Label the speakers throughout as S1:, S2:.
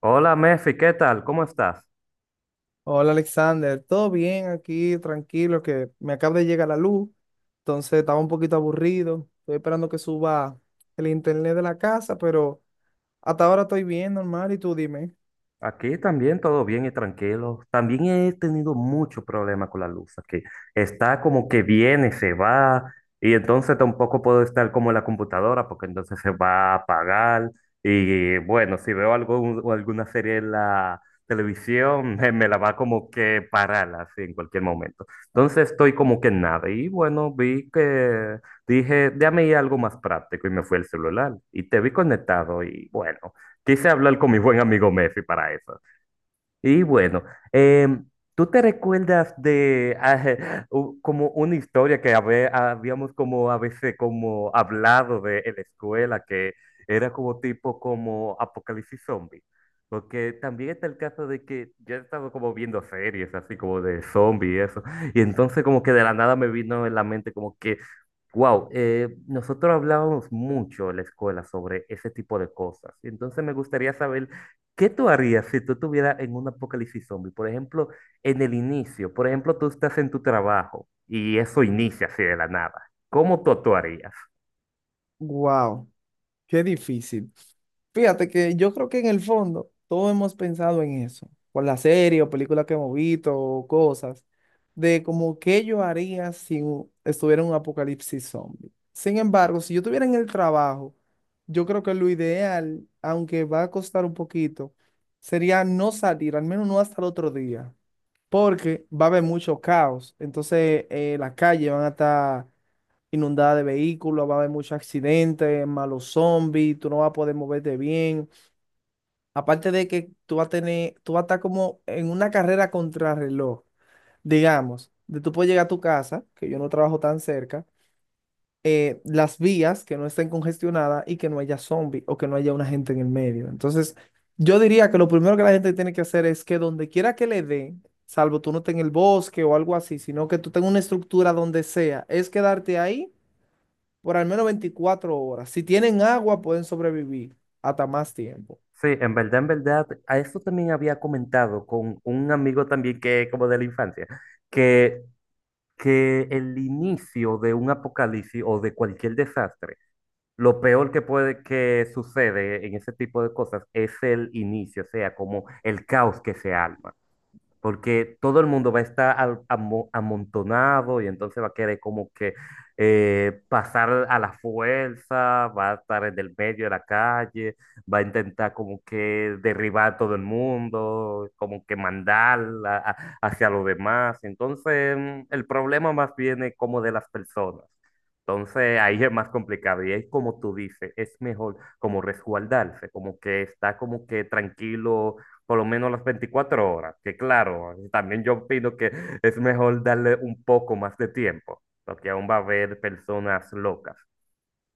S1: Hola Mefi, ¿qué tal? ¿Cómo estás?
S2: Hola Alexander, todo bien aquí, tranquilo, que me acaba de llegar la luz, entonces estaba un poquito aburrido, estoy esperando que suba el internet de la casa, pero hasta ahora estoy bien, normal, y tú dime.
S1: Aquí también todo bien y tranquilo. También he tenido mucho problema con la luz aquí. Está como que viene, se va, y entonces tampoco puedo estar como en la computadora porque entonces se va a apagar. Y bueno, si veo algo, o alguna serie en la televisión, me la va como que parar así en cualquier momento. Entonces estoy como que en nada. Y bueno, vi que dije, déjame ir a algo más práctico y me fue el celular y te vi conectado y bueno, quise hablar con mi buen amigo Mefi para eso. Y bueno, em, ¿tú te recuerdas de como una historia que habíamos como a veces como hablado de en la escuela que era como tipo como apocalipsis zombie? Porque también está el caso de que yo he estado como viendo series así como de zombie y eso, y entonces como que de la nada me vino en la mente como que, wow, nosotros hablábamos mucho en la escuela sobre ese tipo de cosas, y entonces me gustaría saber, ¿qué tú harías si tú estuvieras en un apocalipsis zombie? Por ejemplo, en el inicio, por ejemplo, tú estás en tu trabajo y eso inicia así de la nada. ¿Cómo tú actuarías?
S2: Wow, qué difícil. Fíjate que yo creo que en el fondo todos hemos pensado en eso, por la serie o película que hemos visto o cosas, de como qué yo haría si estuviera en un apocalipsis zombie. Sin embargo, si yo estuviera en el trabajo, yo creo que lo ideal, aunque va a costar un poquito, sería no salir, al menos no hasta el otro día, porque va a haber mucho caos. Entonces, las calles van a estar inundadas de vehículos, va a haber muchos accidentes, malos zombies, tú no vas a poder moverte bien. Aparte de que tú vas a tener, tú vas a estar como en una carrera contrarreloj, digamos, de tú puedes llegar a tu casa, que yo no trabajo tan cerca, las vías que no estén congestionadas y que no haya zombie o que no haya una gente en el medio. Entonces, yo diría que lo primero que la gente tiene que hacer es que donde quiera que le dé, salvo tú no estés en el bosque o algo así, sino que tú tengas una estructura donde sea, es quedarte ahí por al menos 24 horas. Si tienen agua, pueden sobrevivir hasta más tiempo.
S1: Sí, en verdad, a eso también había comentado con un amigo también que como de la infancia, que, que el inicio de un apocalipsis o de cualquier desastre, lo peor que puede que sucede en ese tipo de cosas es el inicio, o sea, como el caos que se arma, porque todo el mundo va a estar amontonado y entonces va a querer como que pasar a la fuerza, va a estar en el medio de la calle, va a intentar como que derribar a todo el mundo, como que mandar hacia los demás. Entonces el problema más viene como de las personas. Entonces ahí es más complicado y es como tú dices, es mejor como resguardarse, como que está como que tranquilo por lo menos las 24 horas, que claro, también yo opino que es mejor darle un poco más de tiempo, porque aún va a haber personas locas.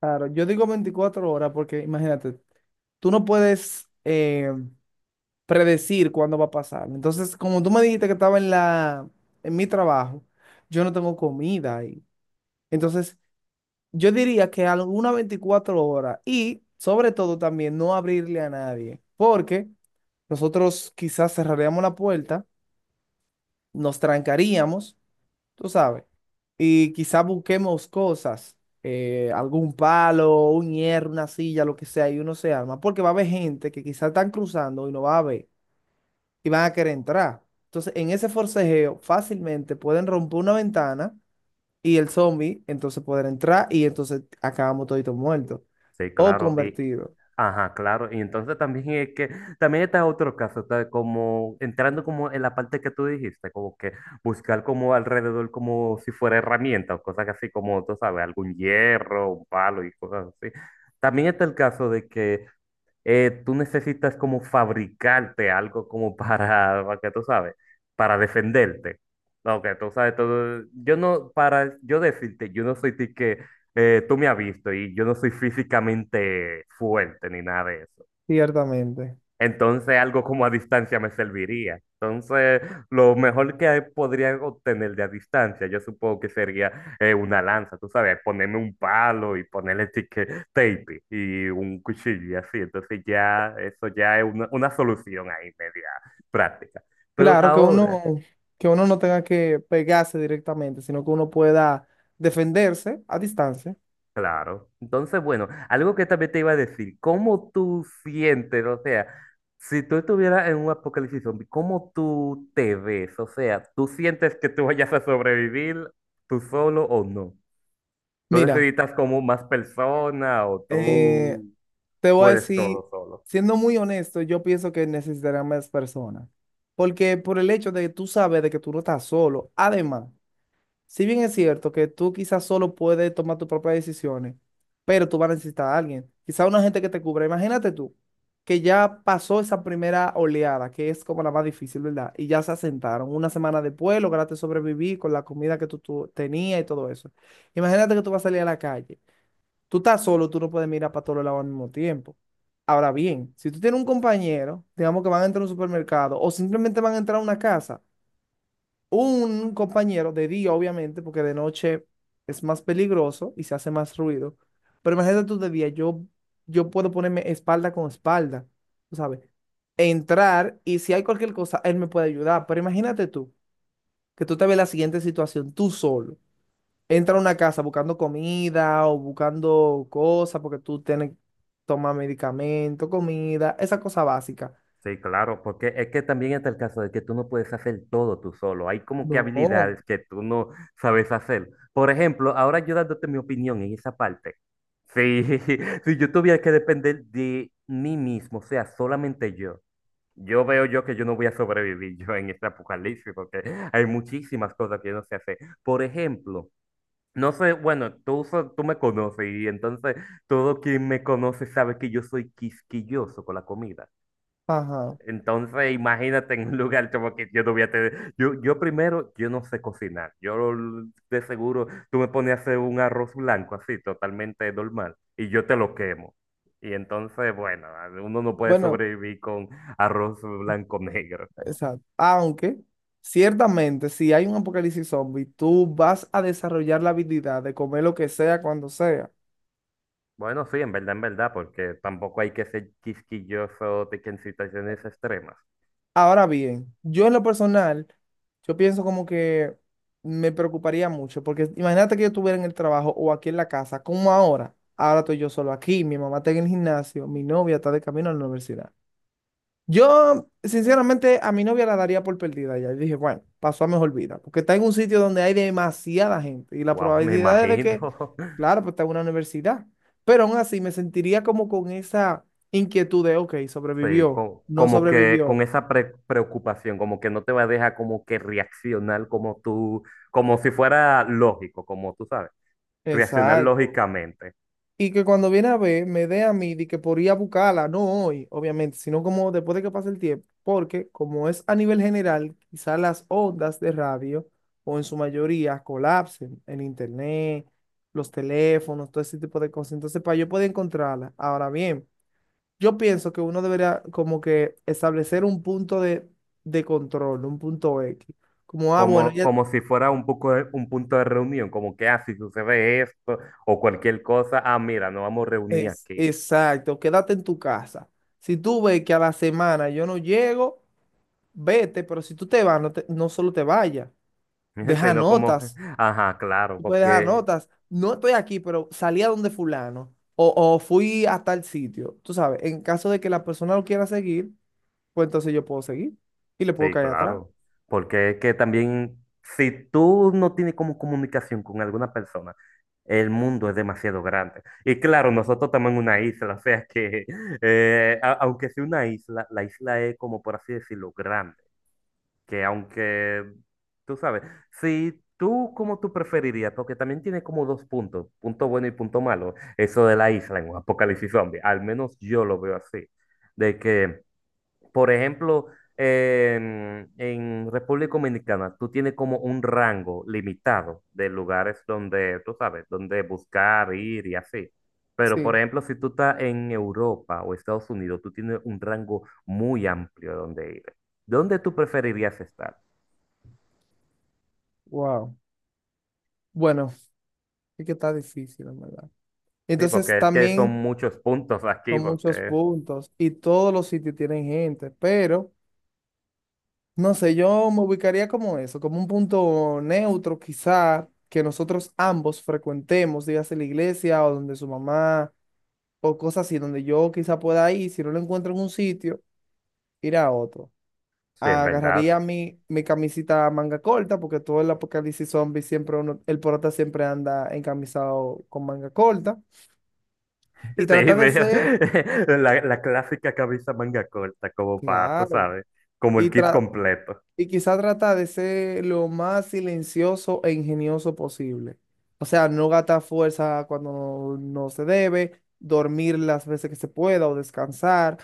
S2: Claro, yo digo 24 horas porque imagínate, tú no puedes predecir cuándo va a pasar. Entonces, como tú me dijiste que estaba en la, en mi trabajo, yo no tengo comida ahí. Entonces, yo diría que alguna 24 horas y sobre todo también no abrirle a nadie, porque nosotros quizás cerraríamos la puerta, nos trancaríamos tú sabes, y quizá busquemos cosas, algún palo, un hierro, una silla, lo que sea, y uno se arma, porque va a haber gente que quizás están cruzando y no va a ver, y van a querer entrar. Entonces, en ese forcejeo fácilmente pueden romper una ventana y el zombie entonces poder entrar y entonces acabamos toditos muertos
S1: Sí,
S2: o
S1: claro, y,
S2: convertidos,
S1: ajá, claro, y entonces también es que, también está otro caso, está como entrando como en la parte que tú dijiste, como que buscar como alrededor como si fuera herramienta o cosas así como, tú sabes, algún hierro, un palo y cosas así. También está el caso de que tú necesitas como fabricarte algo como para que tú sabes, para defenderte. No, que tú sabes todo. Yo no, para yo decirte, yo no soy ti que tú me has visto y yo no soy físicamente fuerte ni nada de eso.
S2: ciertamente.
S1: Entonces algo como a distancia me serviría. Entonces lo mejor que podría obtener de a distancia, yo supongo que sería una lanza, tú sabes, ponerme un palo y ponerle tape y un cuchillo y así. Entonces ya eso ya es una solución ahí media práctica. Pero
S2: Claro
S1: ahora,
S2: que uno no tenga que pegarse directamente, sino que uno pueda defenderse a distancia.
S1: claro. Entonces, bueno, algo que también te iba a decir, ¿cómo tú sientes? O sea, si tú estuvieras en un apocalipsis zombie, ¿cómo tú te ves? O sea, ¿tú sientes que tú vayas a sobrevivir tú solo o no? ¿Tú
S2: Mira.
S1: necesitas como más persona o
S2: Eh,
S1: tú
S2: te voy a
S1: puedes
S2: decir,
S1: todo solo?
S2: siendo muy honesto, yo pienso que necesitarán más personas. Porque por el hecho de que tú sabes de que tú no estás solo. Además, si bien es cierto que tú quizás solo puedes tomar tus propias decisiones, pero tú vas a necesitar a alguien. Quizás una gente que te cubra. Imagínate tú, que ya pasó esa primera oleada, que es como la más difícil, ¿verdad? Y ya se asentaron. Una semana después lograste sobrevivir con la comida que tú tenías y todo eso. Imagínate que tú vas a salir a la calle. Tú estás solo, tú no puedes mirar para todos lados al mismo tiempo. Ahora bien, si tú tienes un compañero, digamos que van a entrar a un supermercado o simplemente van a entrar a una casa, un compañero de día, obviamente, porque de noche es más peligroso y se hace más ruido. Pero imagínate tú de día, yo puedo ponerme espalda con espalda, tú sabes, entrar y si hay cualquier cosa, él me puede ayudar. Pero imagínate tú, que tú te ves en la siguiente situación, tú solo entra a una casa buscando comida o buscando cosas porque tú tienes que tomar medicamento, comida, esa cosa básica.
S1: Sí, claro, porque es que también está el caso de que tú no puedes hacer todo tú solo. Hay como que
S2: No.
S1: habilidades que tú no sabes hacer. Por ejemplo, ahora yo dándote mi opinión en esa parte. Sí, si yo tuviera que depender de mí mismo, o sea, solamente yo, yo veo yo que yo no voy a sobrevivir yo en este apocalipsis porque hay muchísimas cosas que yo no sé hacer. Por ejemplo, no sé, bueno, tú, tú me conoces y entonces todo quien me conoce sabe que yo soy quisquilloso con la comida.
S2: Ajá.
S1: Entonces, imagínate en un lugar como que yo no voy a tener. Yo primero, yo no sé cocinar. Yo de seguro, tú me pones a hacer un arroz blanco así, totalmente normal, y yo te lo quemo. Y entonces, bueno, uno no puede
S2: Bueno,
S1: sobrevivir con arroz blanco negro.
S2: exacto. Aunque, ciertamente, si hay un apocalipsis zombie, tú vas a desarrollar la habilidad de comer lo que sea cuando sea.
S1: Bueno, sí, en verdad, porque tampoco hay que ser quisquilloso de que en situaciones extremas.
S2: Ahora bien, yo en lo personal, yo pienso como que me preocuparía mucho, porque imagínate que yo estuviera en el trabajo o aquí en la casa, como ahora. Ahora estoy yo solo aquí, mi mamá está en el gimnasio, mi novia está de camino a la universidad. Yo, sinceramente, a mi novia la daría por perdida ya. Y dije, bueno, pasó a mejor vida, porque está en un sitio donde hay demasiada gente y la
S1: Wow, me
S2: probabilidad es de
S1: imagino.
S2: que, claro, pues está en una universidad, pero aún así me sentiría como con esa inquietud de, ok,
S1: Sí,
S2: sobrevivió, no
S1: como que con
S2: sobrevivió.
S1: esa preocupación, como que no te va a dejar como que reaccionar como tú, como si fuera lógico, como tú sabes, reaccionar
S2: Exacto.
S1: lógicamente,
S2: Y que cuando viene a ver, me dé a mí de que por ir a buscarla, no hoy, obviamente, sino como después de que pase el tiempo, porque como es a nivel general, quizás las ondas de radio, o en su mayoría, colapsen en internet, los teléfonos, todo ese tipo de cosas. Entonces, para yo poder encontrarla. Ahora bien, yo pienso que uno debería como que establecer un punto de control, un punto X. Como, ah, bueno,
S1: como,
S2: ya.
S1: como si fuera un punto de reunión, como que, ah, si sucede esto o cualquier cosa, ah, mira, nos vamos a reunir
S2: Es,
S1: aquí,
S2: exacto, quédate en tu casa. Si tú ves que a la semana yo no llego, vete, pero si tú te vas, no, no solo te vayas, deja
S1: sino como,
S2: notas,
S1: ajá, claro,
S2: tú puedes dejar
S1: porque
S2: notas. No estoy aquí, pero salí a donde fulano o fui a tal sitio. Tú sabes, en caso de que la persona lo quiera seguir, pues entonces yo puedo seguir y le puedo
S1: sí,
S2: caer atrás.
S1: claro. Porque es que también, si tú no tienes como comunicación con alguna persona, el mundo es demasiado grande. Y claro, nosotros estamos en una isla, o sea que, aunque sea una isla, la isla es como, por así decirlo, grande. Que aunque, tú sabes, si tú, como tú preferirías, porque también tiene como dos puntos, punto bueno y punto malo, eso de la isla en un apocalipsis zombie, al menos yo lo veo así, de que... Por ejemplo, en República Dominicana, tú tienes como un rango limitado de lugares donde, tú sabes, donde buscar, ir y así. Pero, por
S2: Sí,
S1: ejemplo, si tú estás en Europa o Estados Unidos, tú tienes un rango muy amplio donde ir. ¿Dónde tú preferirías estar?
S2: wow. Bueno, es que está difícil, en verdad.
S1: Sí,
S2: Entonces
S1: porque es que son
S2: también
S1: muchos puntos aquí,
S2: son muchos
S1: porque
S2: puntos y todos los sitios tienen gente, pero... No sé, yo me ubicaría como eso, como un punto neutro quizá que nosotros ambos frecuentemos, dígase la iglesia o donde su mamá o cosas así, donde yo quizá pueda ir, si no lo encuentro en un sitio, ir a otro.
S1: sí, en verdad.
S2: Agarraría mi camisita manga corta, porque todo el apocalipsis zombie siempre uno, el prota siempre anda encamisado con manga corta, y
S1: Sí,
S2: trata de
S1: veo
S2: ser,
S1: la clásica camisa manga corta, como para, tú
S2: claro,
S1: sabes, como el
S2: y,
S1: kit
S2: tra-
S1: completo.
S2: y quizá trata de ser lo más silencioso e ingenioso posible. O sea, no gastar fuerza cuando no se debe, dormir las veces que se pueda o descansar,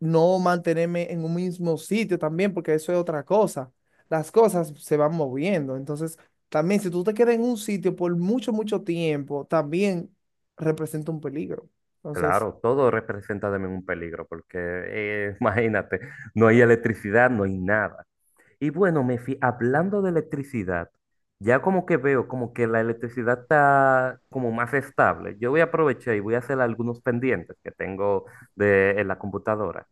S2: no mantenerme en un mismo sitio también, porque eso es otra cosa. Las cosas se van moviendo. Entonces, también si tú te quedas en un sitio por mucho, mucho tiempo, también representa un peligro. Entonces,
S1: Claro, todo representa también un peligro, porque imagínate, no hay electricidad, no hay nada. Y bueno, Mefi, hablando de electricidad, ya como que veo como que la electricidad está como más estable. Yo voy a aprovechar y voy a hacer algunos pendientes que tengo en la computadora.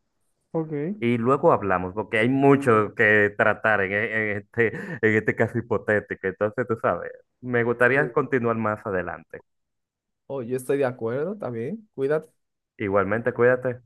S2: ok.
S1: Y luego hablamos, porque hay mucho que tratar en este caso hipotético. Entonces, tú sabes, me gustaría
S2: Sí.
S1: continuar más adelante.
S2: Oh, yo estoy de acuerdo también. Cuídate.
S1: Igualmente, cuídate.